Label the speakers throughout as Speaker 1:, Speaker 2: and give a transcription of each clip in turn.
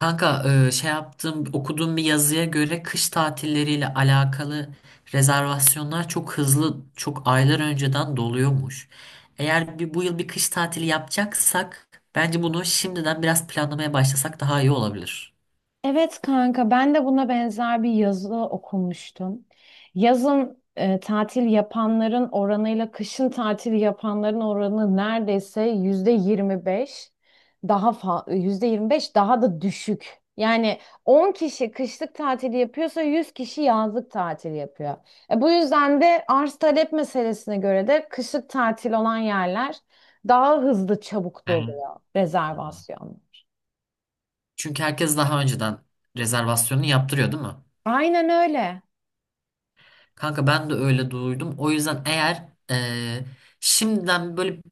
Speaker 1: Kanka e, şey yaptım okuduğum bir yazıya göre kış tatilleriyle alakalı rezervasyonlar çok hızlı, çok aylar önceden doluyormuş. Bu yıl bir kış tatili yapacaksak bence bunu şimdiden biraz planlamaya başlasak daha iyi olabilir.
Speaker 2: Evet kanka ben de buna benzer bir yazı okumuştum. Yazın tatil yapanların oranıyla kışın tatil yapanların oranı neredeyse %25 %25 daha da düşük. Yani 10 kişi kışlık tatil yapıyorsa 100 kişi yazlık tatil yapıyor. Bu yüzden de arz talep meselesine göre de kışlık tatil olan yerler daha hızlı çabuk doluyor
Speaker 1: Hmm.
Speaker 2: rezervasyonlar.
Speaker 1: Çünkü herkes daha önceden rezervasyonunu yaptırıyor, değil mi?
Speaker 2: Aynen öyle.
Speaker 1: Kanka ben de öyle duydum. O yüzden şimdiden böyle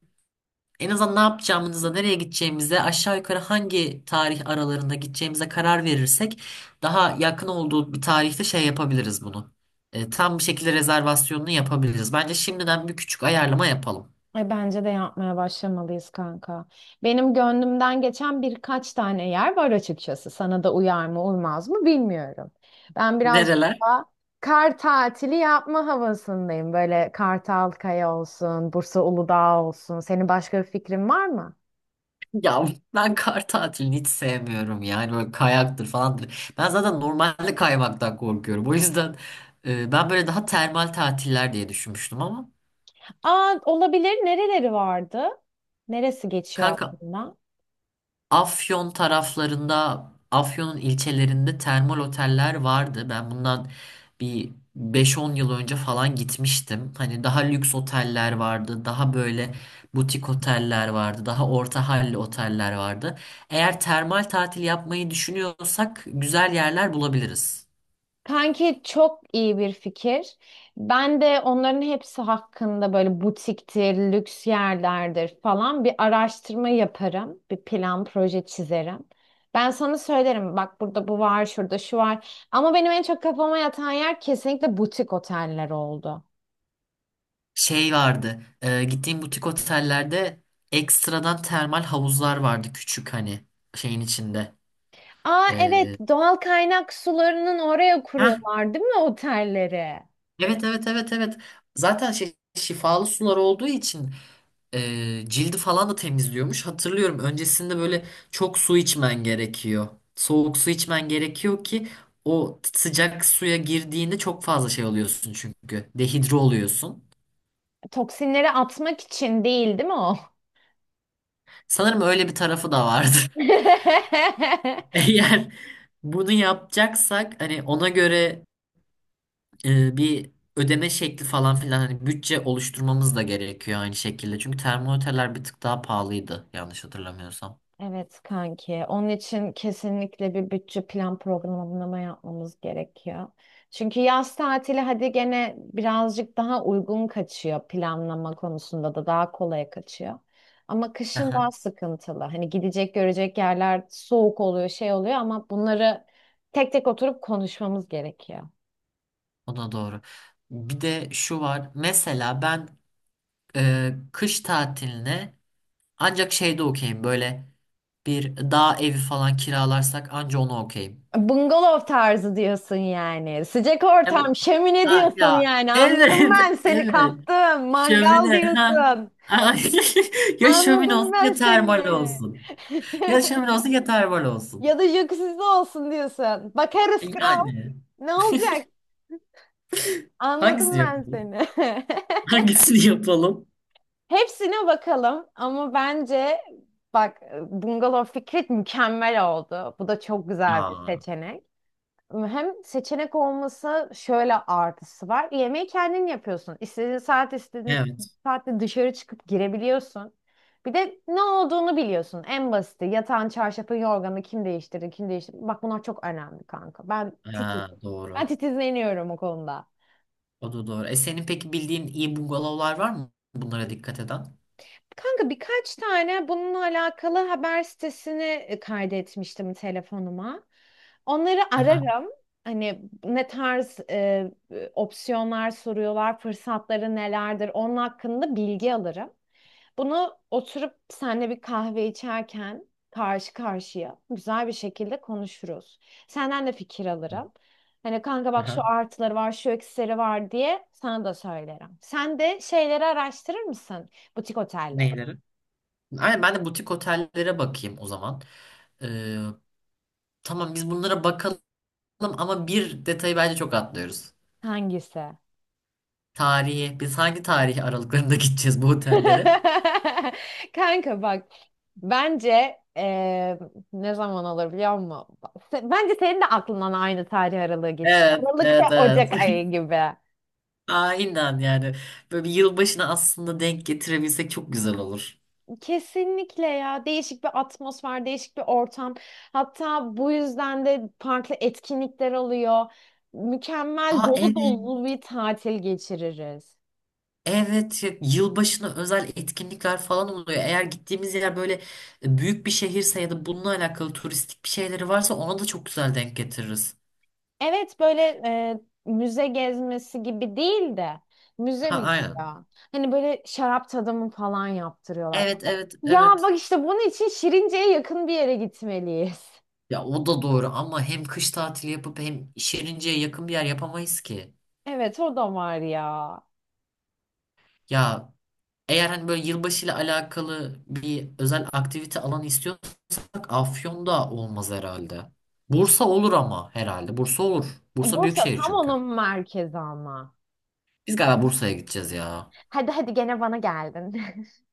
Speaker 1: en azından ne yapacağımıza, nereye gideceğimize, aşağı yukarı hangi tarih aralarında gideceğimize karar verirsek daha yakın olduğu bir tarihte şey yapabiliriz bunu. Tam bir şekilde rezervasyonunu yapabiliriz. Bence şimdiden bir küçük ayarlama yapalım.
Speaker 2: Bence de yapmaya başlamalıyız kanka. Benim gönlümden geçen birkaç tane yer var açıkçası. Sana da uyar mı uymaz mı bilmiyorum. Ben biraz
Speaker 1: Nereler?
Speaker 2: daha kar tatili yapma havasındayım. Böyle Kartalkaya olsun, Bursa Uludağ olsun. Senin başka bir fikrin var mı?
Speaker 1: Ya, ben kar tatilini hiç sevmiyorum, yani böyle kayaktır falandır. Ben zaten normalde kaymaktan korkuyorum. O yüzden ben böyle daha termal tatiller diye düşünmüştüm ama
Speaker 2: Aa, olabilir. Nereleri vardı? Neresi geçiyor
Speaker 1: kanka
Speaker 2: aklında?
Speaker 1: Afyon taraflarında, Afyon'un ilçelerinde termal oteller vardı. Ben bundan bir beş-on yıl önce falan gitmiştim. Hani daha lüks oteller vardı, daha böyle butik oteller vardı, daha orta halli oteller vardı. Eğer termal tatil yapmayı düşünüyorsak güzel yerler bulabiliriz.
Speaker 2: Kanki çok iyi bir fikir. Ben de onların hepsi hakkında böyle butiktir, lüks yerlerdir falan bir araştırma yaparım. Bir plan, proje çizerim. Ben sana söylerim bak burada bu var, şurada şu var. Ama benim en çok kafama yatan yer kesinlikle butik oteller oldu.
Speaker 1: Şey vardı, gittiğim butik otellerde ekstradan termal havuzlar vardı küçük, hani şeyin içinde.
Speaker 2: Aa evet,
Speaker 1: E,
Speaker 2: doğal kaynak sularının oraya
Speaker 1: Heh,
Speaker 2: kuruyorlar değil mi otelleri?
Speaker 1: evet, evet, evet, evet. Zaten şey, şifalı sular olduğu için e, cildi falan da temizliyormuş. Hatırlıyorum, öncesinde böyle çok su içmen gerekiyor. Soğuk su içmen gerekiyor ki o sıcak suya girdiğinde çok fazla şey oluyorsun çünkü. Dehidre oluyorsun.
Speaker 2: Toksinleri atmak için değil değil mi o?
Speaker 1: Sanırım öyle bir tarafı da vardı. Eğer bunu yapacaksak hani ona göre bir ödeme şekli falan filan, hani bütçe oluşturmamız da gerekiyor aynı şekilde. Çünkü termometreler bir tık daha pahalıydı yanlış hatırlamıyorsam.
Speaker 2: Evet kanki. Onun için kesinlikle bir bütçe plan programlama yapmamız gerekiyor. Çünkü yaz tatili hadi gene birazcık daha uygun kaçıyor, planlama konusunda da daha kolay kaçıyor. Ama kışın
Speaker 1: Aha,
Speaker 2: daha sıkıntılı. Hani gidecek görecek yerler soğuk oluyor, şey oluyor ama bunları tek tek oturup konuşmamız gerekiyor.
Speaker 1: o da doğru. Bir de şu var. Mesela ben kış tatiline ancak şeyde okeyim, böyle bir dağ evi falan kiralarsak anca onu okeyim.
Speaker 2: Bungalov tarzı diyorsun yani. Sıcak
Speaker 1: Ya, bu-
Speaker 2: ortam, şömine
Speaker 1: ha,
Speaker 2: diyorsun
Speaker 1: ya
Speaker 2: yani. Anladım
Speaker 1: evet,
Speaker 2: ben seni,
Speaker 1: evet.
Speaker 2: kaptım. Mangal
Speaker 1: Şömine, ha.
Speaker 2: diyorsun.
Speaker 1: Ay, ya şömine
Speaker 2: Anladım
Speaker 1: olsun
Speaker 2: ben
Speaker 1: ya termal
Speaker 2: seni.
Speaker 1: olsun. Ya şömine olsun ya termal olsun.
Speaker 2: Ya da jacuzzi'de olsun diyorsun. Bakarız kral.
Speaker 1: Yani
Speaker 2: Ne olacak?
Speaker 1: hangisini
Speaker 2: Anladım ben
Speaker 1: yapalım?
Speaker 2: seni.
Speaker 1: Hangisini yapalım?
Speaker 2: Hepsine bakalım ama bence bak bungalov fikri mükemmel oldu. Bu da çok güzel bir
Speaker 1: Aa,
Speaker 2: seçenek. Hem seçenek olması şöyle artısı var. Yemeği kendin yapıyorsun. İstediğin saat istediğin
Speaker 1: evet.
Speaker 2: saatte dışarı çıkıp girebiliyorsun. Bir de ne olduğunu biliyorsun. En basiti yatağın, çarşafın, yorganı kim değiştirdi, kim değiştirdi. Bak bunlar çok önemli kanka. Ben titiz.
Speaker 1: Ha,
Speaker 2: Ben
Speaker 1: doğru.
Speaker 2: titizleniyorum o konuda.
Speaker 1: O da doğru. E senin peki bildiğin iyi bungalovlar var mı bunlara dikkat eden?
Speaker 2: Kanka birkaç tane bununla alakalı haber sitesini kaydetmiştim telefonuma. Onları
Speaker 1: Aha,
Speaker 2: ararım. Hani ne tarz opsiyonlar soruyorlar, fırsatları nelerdir, onun hakkında bilgi alırım. Bunu oturup seninle bir kahve içerken karşı karşıya güzel bir şekilde konuşuruz. Senden de fikir alırım. Hani kanka bak şu
Speaker 1: aha.
Speaker 2: artıları var, şu eksileri var diye sana da söylerim. Sen de şeyleri araştırır mısın? Butik oteller.
Speaker 1: Neyleri? Aynen, ben de butik otellere bakayım o zaman. Ee, tamam, biz bunlara bakalım ama bir detayı bence çok atlıyoruz.
Speaker 2: Hangisi?
Speaker 1: Tarihi. Biz hangi tarih aralıklarında gideceğiz bu otellere?
Speaker 2: Kanka bak, bence ne zaman olur biliyor musun? Bence senin de aklından aynı tarih aralığı geçiyor.
Speaker 1: Evet,
Speaker 2: Aralık ve
Speaker 1: evet, evet.
Speaker 2: Ocak ayı gibi.
Speaker 1: Aynen yani. Böyle bir yılbaşına aslında denk getirebilsek çok güzel olur.
Speaker 2: Kesinlikle ya, değişik bir atmosfer, değişik bir ortam. Hatta bu yüzden de farklı etkinlikler oluyor. Mükemmel
Speaker 1: Aa
Speaker 2: dolu
Speaker 1: evet.
Speaker 2: dolu bir tatil geçiririz.
Speaker 1: Evet, yılbaşına özel etkinlikler falan oluyor. Eğer gittiğimiz yer böyle büyük bir şehirse ya da bununla alakalı turistik bir şeyleri varsa ona da çok güzel denk getiririz.
Speaker 2: Evet böyle müze gezmesi gibi değil de, müze
Speaker 1: Ha,
Speaker 2: mi
Speaker 1: aynen.
Speaker 2: ya? Hani böyle şarap tadımı falan yaptırıyorlar.
Speaker 1: Evet, evet,
Speaker 2: Ya bak
Speaker 1: evet.
Speaker 2: işte bunun için Şirince'ye yakın bir yere gitmeliyiz.
Speaker 1: Ya o da doğru ama hem kış tatili yapıp hem Şirince'ye yakın bir yer yapamayız ki.
Speaker 2: Evet o da var ya.
Speaker 1: Ya, eğer hani böyle yılbaşıyla alakalı bir özel aktivite alanı istiyorsak Afyon'da olmaz herhalde. Bursa olur ama herhalde. Bursa olur. Bursa büyük
Speaker 2: Bursa
Speaker 1: şehir
Speaker 2: tam
Speaker 1: çünkü.
Speaker 2: onun merkezi ama.
Speaker 1: Biz galiba Bursa'ya gideceğiz ya.
Speaker 2: Hadi hadi gene bana geldin.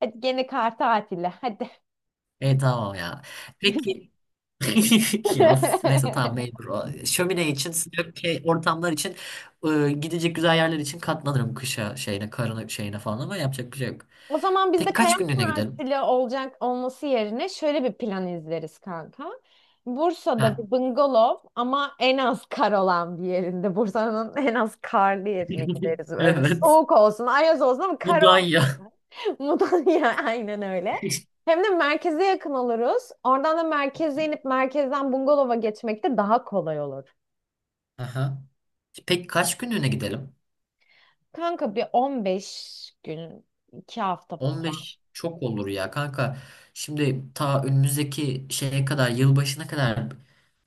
Speaker 2: Hadi gene kar tatili hadi.
Speaker 1: E tamam ya. Peki, neyse tamam mecbur. Şömine için, sıcak ortamlar için, gidecek güzel yerler için katlanırım kışa şeyine, karına şeyine falan ama yapacak bir şey yok.
Speaker 2: O zaman
Speaker 1: Tek
Speaker 2: bizde karar
Speaker 1: kaç günlüğüne gidelim?
Speaker 2: partili olacak olması yerine şöyle bir plan izleriz kanka. Bursa'da
Speaker 1: Ha.
Speaker 2: bir bungalov ama en az kar olan bir yerinde. Bursa'nın en az karlı yerine gideriz. Öyle
Speaker 1: Evet.
Speaker 2: soğuk olsun, ayaz olsun ama
Speaker 1: Bu
Speaker 2: kar
Speaker 1: daha iyi
Speaker 2: olmadan.
Speaker 1: ya.
Speaker 2: Mudanya, aynen öyle. Hem de merkeze yakın oluruz. Oradan da merkeze inip merkezden bungalova geçmek de daha kolay olur.
Speaker 1: Aha. Peki kaç günlüğüne gidelim?
Speaker 2: Kanka bir 15 gün, 2 hafta
Speaker 1: On
Speaker 2: falan.
Speaker 1: beş çok olur ya kanka. Şimdi ta önümüzdeki şeye kadar, yılbaşına kadar,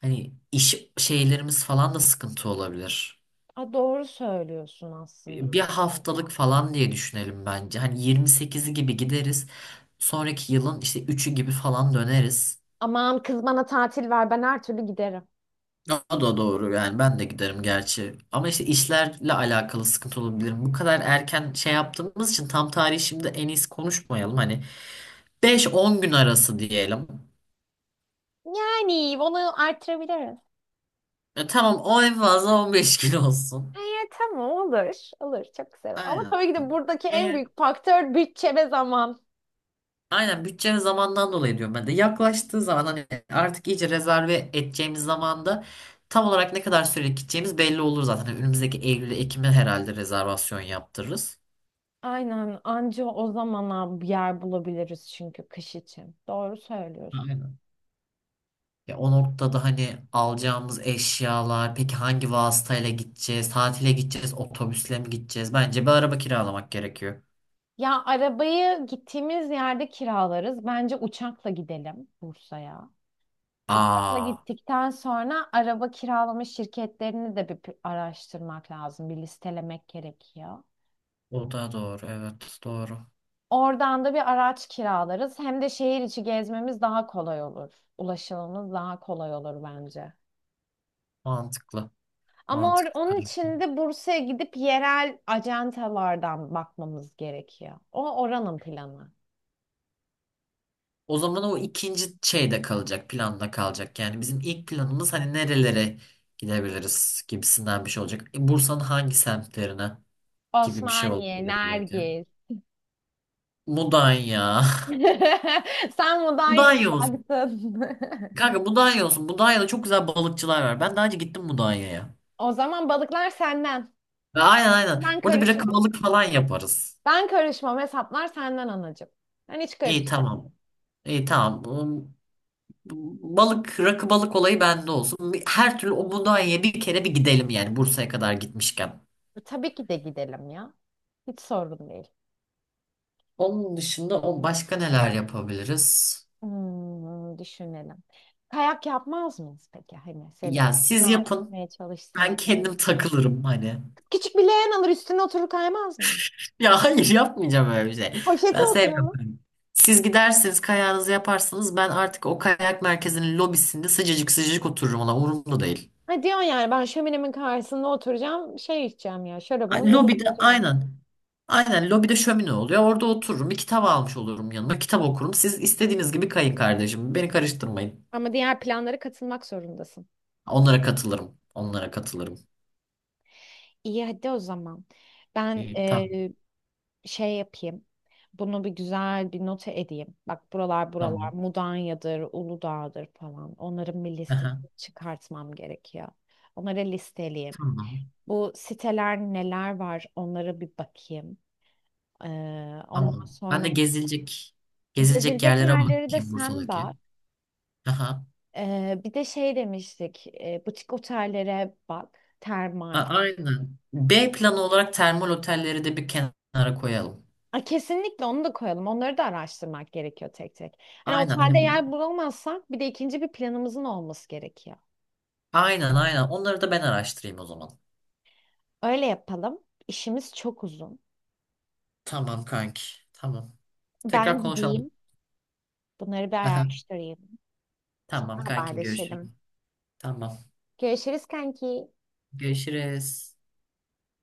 Speaker 1: hani iş şeylerimiz falan da sıkıntı olabilir.
Speaker 2: Aa, doğru söylüyorsun aslında.
Speaker 1: Bir haftalık falan diye düşünelim bence. Hani 28'i gibi gideriz. Sonraki yılın işte üçü gibi falan döneriz.
Speaker 2: Aman kız bana tatil ver, ben her türlü giderim.
Speaker 1: O da doğru yani, ben de giderim gerçi. Ama işte işlerle alakalı sıkıntı olabilir. Bu kadar erken şey yaptığımız için tam tarihi şimdi en iyisi konuşmayalım. Hani 5-10 gün arası diyelim.
Speaker 2: Yani onu artırabiliriz.
Speaker 1: Ya tamam, o en fazla 15 gün olsun.
Speaker 2: Evet tamam, olur. Olur, çok güzel. Ama
Speaker 1: Aynen.
Speaker 2: tabii ki de buradaki en
Speaker 1: Eğer
Speaker 2: büyük faktör bütçe ve zaman.
Speaker 1: aynen bütçe ve zamandan dolayı diyorum ben de. Yaklaştığı zaman hani artık iyice rezerve edeceğimiz zamanda tam olarak ne kadar süre gideceğimiz belli olur zaten. Hani önümüzdeki Eylül'e, Ekim'e herhalde rezervasyon yaptırırız.
Speaker 2: Aynen, anca o zamana bir yer bulabiliriz çünkü kış için. Doğru söylüyorsun.
Speaker 1: Aynen. Ya o noktada hani alacağımız eşyalar, peki hangi vasıtayla gideceğiz, tatile gideceğiz, otobüsle mi gideceğiz? Bence bir araba kiralamak gerekiyor.
Speaker 2: Ya arabayı gittiğimiz yerde kiralarız. Bence uçakla gidelim Bursa'ya. Uçakla
Speaker 1: Aa,
Speaker 2: gittikten sonra araba kiralama şirketlerini de bir araştırmak lazım. Bir listelemek gerekiyor.
Speaker 1: o da doğru, evet doğru.
Speaker 2: Oradan da bir araç kiralarız. Hem de şehir içi gezmemiz daha kolay olur. Ulaşımımız daha kolay olur bence.
Speaker 1: Mantıklı.
Speaker 2: Ama
Speaker 1: Mantıklı
Speaker 2: onun
Speaker 1: kanki.
Speaker 2: için de Bursa'ya gidip yerel ajantalardan bakmamız gerekiyor. O oranın planı.
Speaker 1: O zaman o ikinci şeyde kalacak, planda kalacak. Yani bizim ilk planımız hani nerelere gidebiliriz gibisinden bir şey olacak. E, Bursa'nın hangi semtlerine gibi bir şey
Speaker 2: Osmaniye,
Speaker 1: olabilir belki.
Speaker 2: Nergis.
Speaker 1: Mudanya.
Speaker 2: Sen Mudanya'yı
Speaker 1: Mudanya olsun.
Speaker 2: taktın.
Speaker 1: Kanka Mudanya olsun. Mudanya'da çok güzel balıkçılar var. Ben daha önce gittim Mudanya'ya.
Speaker 2: O zaman balıklar senden.
Speaker 1: Aynen, aynen.
Speaker 2: Ben
Speaker 1: Orada bir rakı
Speaker 2: karışmam.
Speaker 1: balık falan yaparız.
Speaker 2: Ben karışmam. Hesaplar senden anacığım. Ben hiç
Speaker 1: İyi
Speaker 2: karışmam.
Speaker 1: tamam. İyi tamam. Balık, rakı balık olayı bende olsun. Her türlü o Mudanya'ya bir kere bir gidelim yani, Bursa'ya kadar gitmişken.
Speaker 2: Tabii ki de gidelim ya. Hiç sorun değil.
Speaker 1: Onun dışında o başka neler yapabiliriz?
Speaker 2: Hmm, düşünelim. Kayak yapmaz mıyız peki? Hani seni
Speaker 1: Ya siz
Speaker 2: ikna
Speaker 1: yapın.
Speaker 2: etmeye
Speaker 1: Ben
Speaker 2: çalışsam böyle.
Speaker 1: kendim takılırım hani.
Speaker 2: Küçük bir leğen alır üstüne oturur kaymaz mı?
Speaker 1: Ya hayır, yapmayacağım öyle bir şey.
Speaker 2: Poşete
Speaker 1: Ben sevmiyorum
Speaker 2: oturalım.
Speaker 1: kayak. Siz gidersiniz, kayağınızı yaparsınız. Ben artık o kayak merkezinin lobisinde sıcacık sıcacık otururum ona. Umurumda değil.
Speaker 2: Ha diyorsun yani, ben şöminemin karşısında oturacağım şey içeceğim ya, şarabımı
Speaker 1: Lobide
Speaker 2: yudumlayacağım.
Speaker 1: aynen. Aynen, lobide şömine oluyor. Orada otururum. Bir kitap almış olurum yanıma. Kitap okurum. Siz istediğiniz gibi kayın kardeşim. Beni karıştırmayın.
Speaker 2: Ama diğer planlara katılmak zorundasın.
Speaker 1: Onlara katılırım. Onlara katılırım.
Speaker 2: İyi hadi o zaman. Ben
Speaker 1: İyi, tamam,
Speaker 2: şey yapayım. Bunu bir güzel bir nota edeyim. Bak buralar buralar
Speaker 1: tamam.
Speaker 2: Mudanya'dır, Uludağ'dır falan. Onların bir
Speaker 1: Aha,
Speaker 2: listesini çıkartmam gerekiyor. Onları listeleyeyim.
Speaker 1: tamam.
Speaker 2: Bu siteler neler var onlara bir bakayım. Ee, ondan
Speaker 1: Tamam. Ben de
Speaker 2: sonra
Speaker 1: gezilecek gezilecek
Speaker 2: gezilecek
Speaker 1: yerlere
Speaker 2: yerleri de
Speaker 1: bakayım
Speaker 2: sen
Speaker 1: Bursa'daki.
Speaker 2: bak.
Speaker 1: Aha.
Speaker 2: Bir de şey demiştik, butik otellere bak, termal.
Speaker 1: A- aynen. B planı olarak termal otelleri de bir kenara koyalım.
Speaker 2: Aa, kesinlikle onu da koyalım. Onları da araştırmak gerekiyor tek tek. Hani
Speaker 1: Aynen
Speaker 2: otelde
Speaker 1: hani,
Speaker 2: yer bulamazsak bir de ikinci bir planımızın olması gerekiyor.
Speaker 1: aynen, aynen. Onları da ben araştırayım o zaman.
Speaker 2: Öyle yapalım. İşimiz çok uzun.
Speaker 1: Tamam kanki. Tamam. Tekrar
Speaker 2: Ben
Speaker 1: konuşalım.
Speaker 2: gideyim. Bunları bir araştırayım. Sonra
Speaker 1: Tamam kankim, görüşürüz.
Speaker 2: haberleşelim.
Speaker 1: Tamam.
Speaker 2: Görüşürüz kanki.
Speaker 1: Görüşürüz.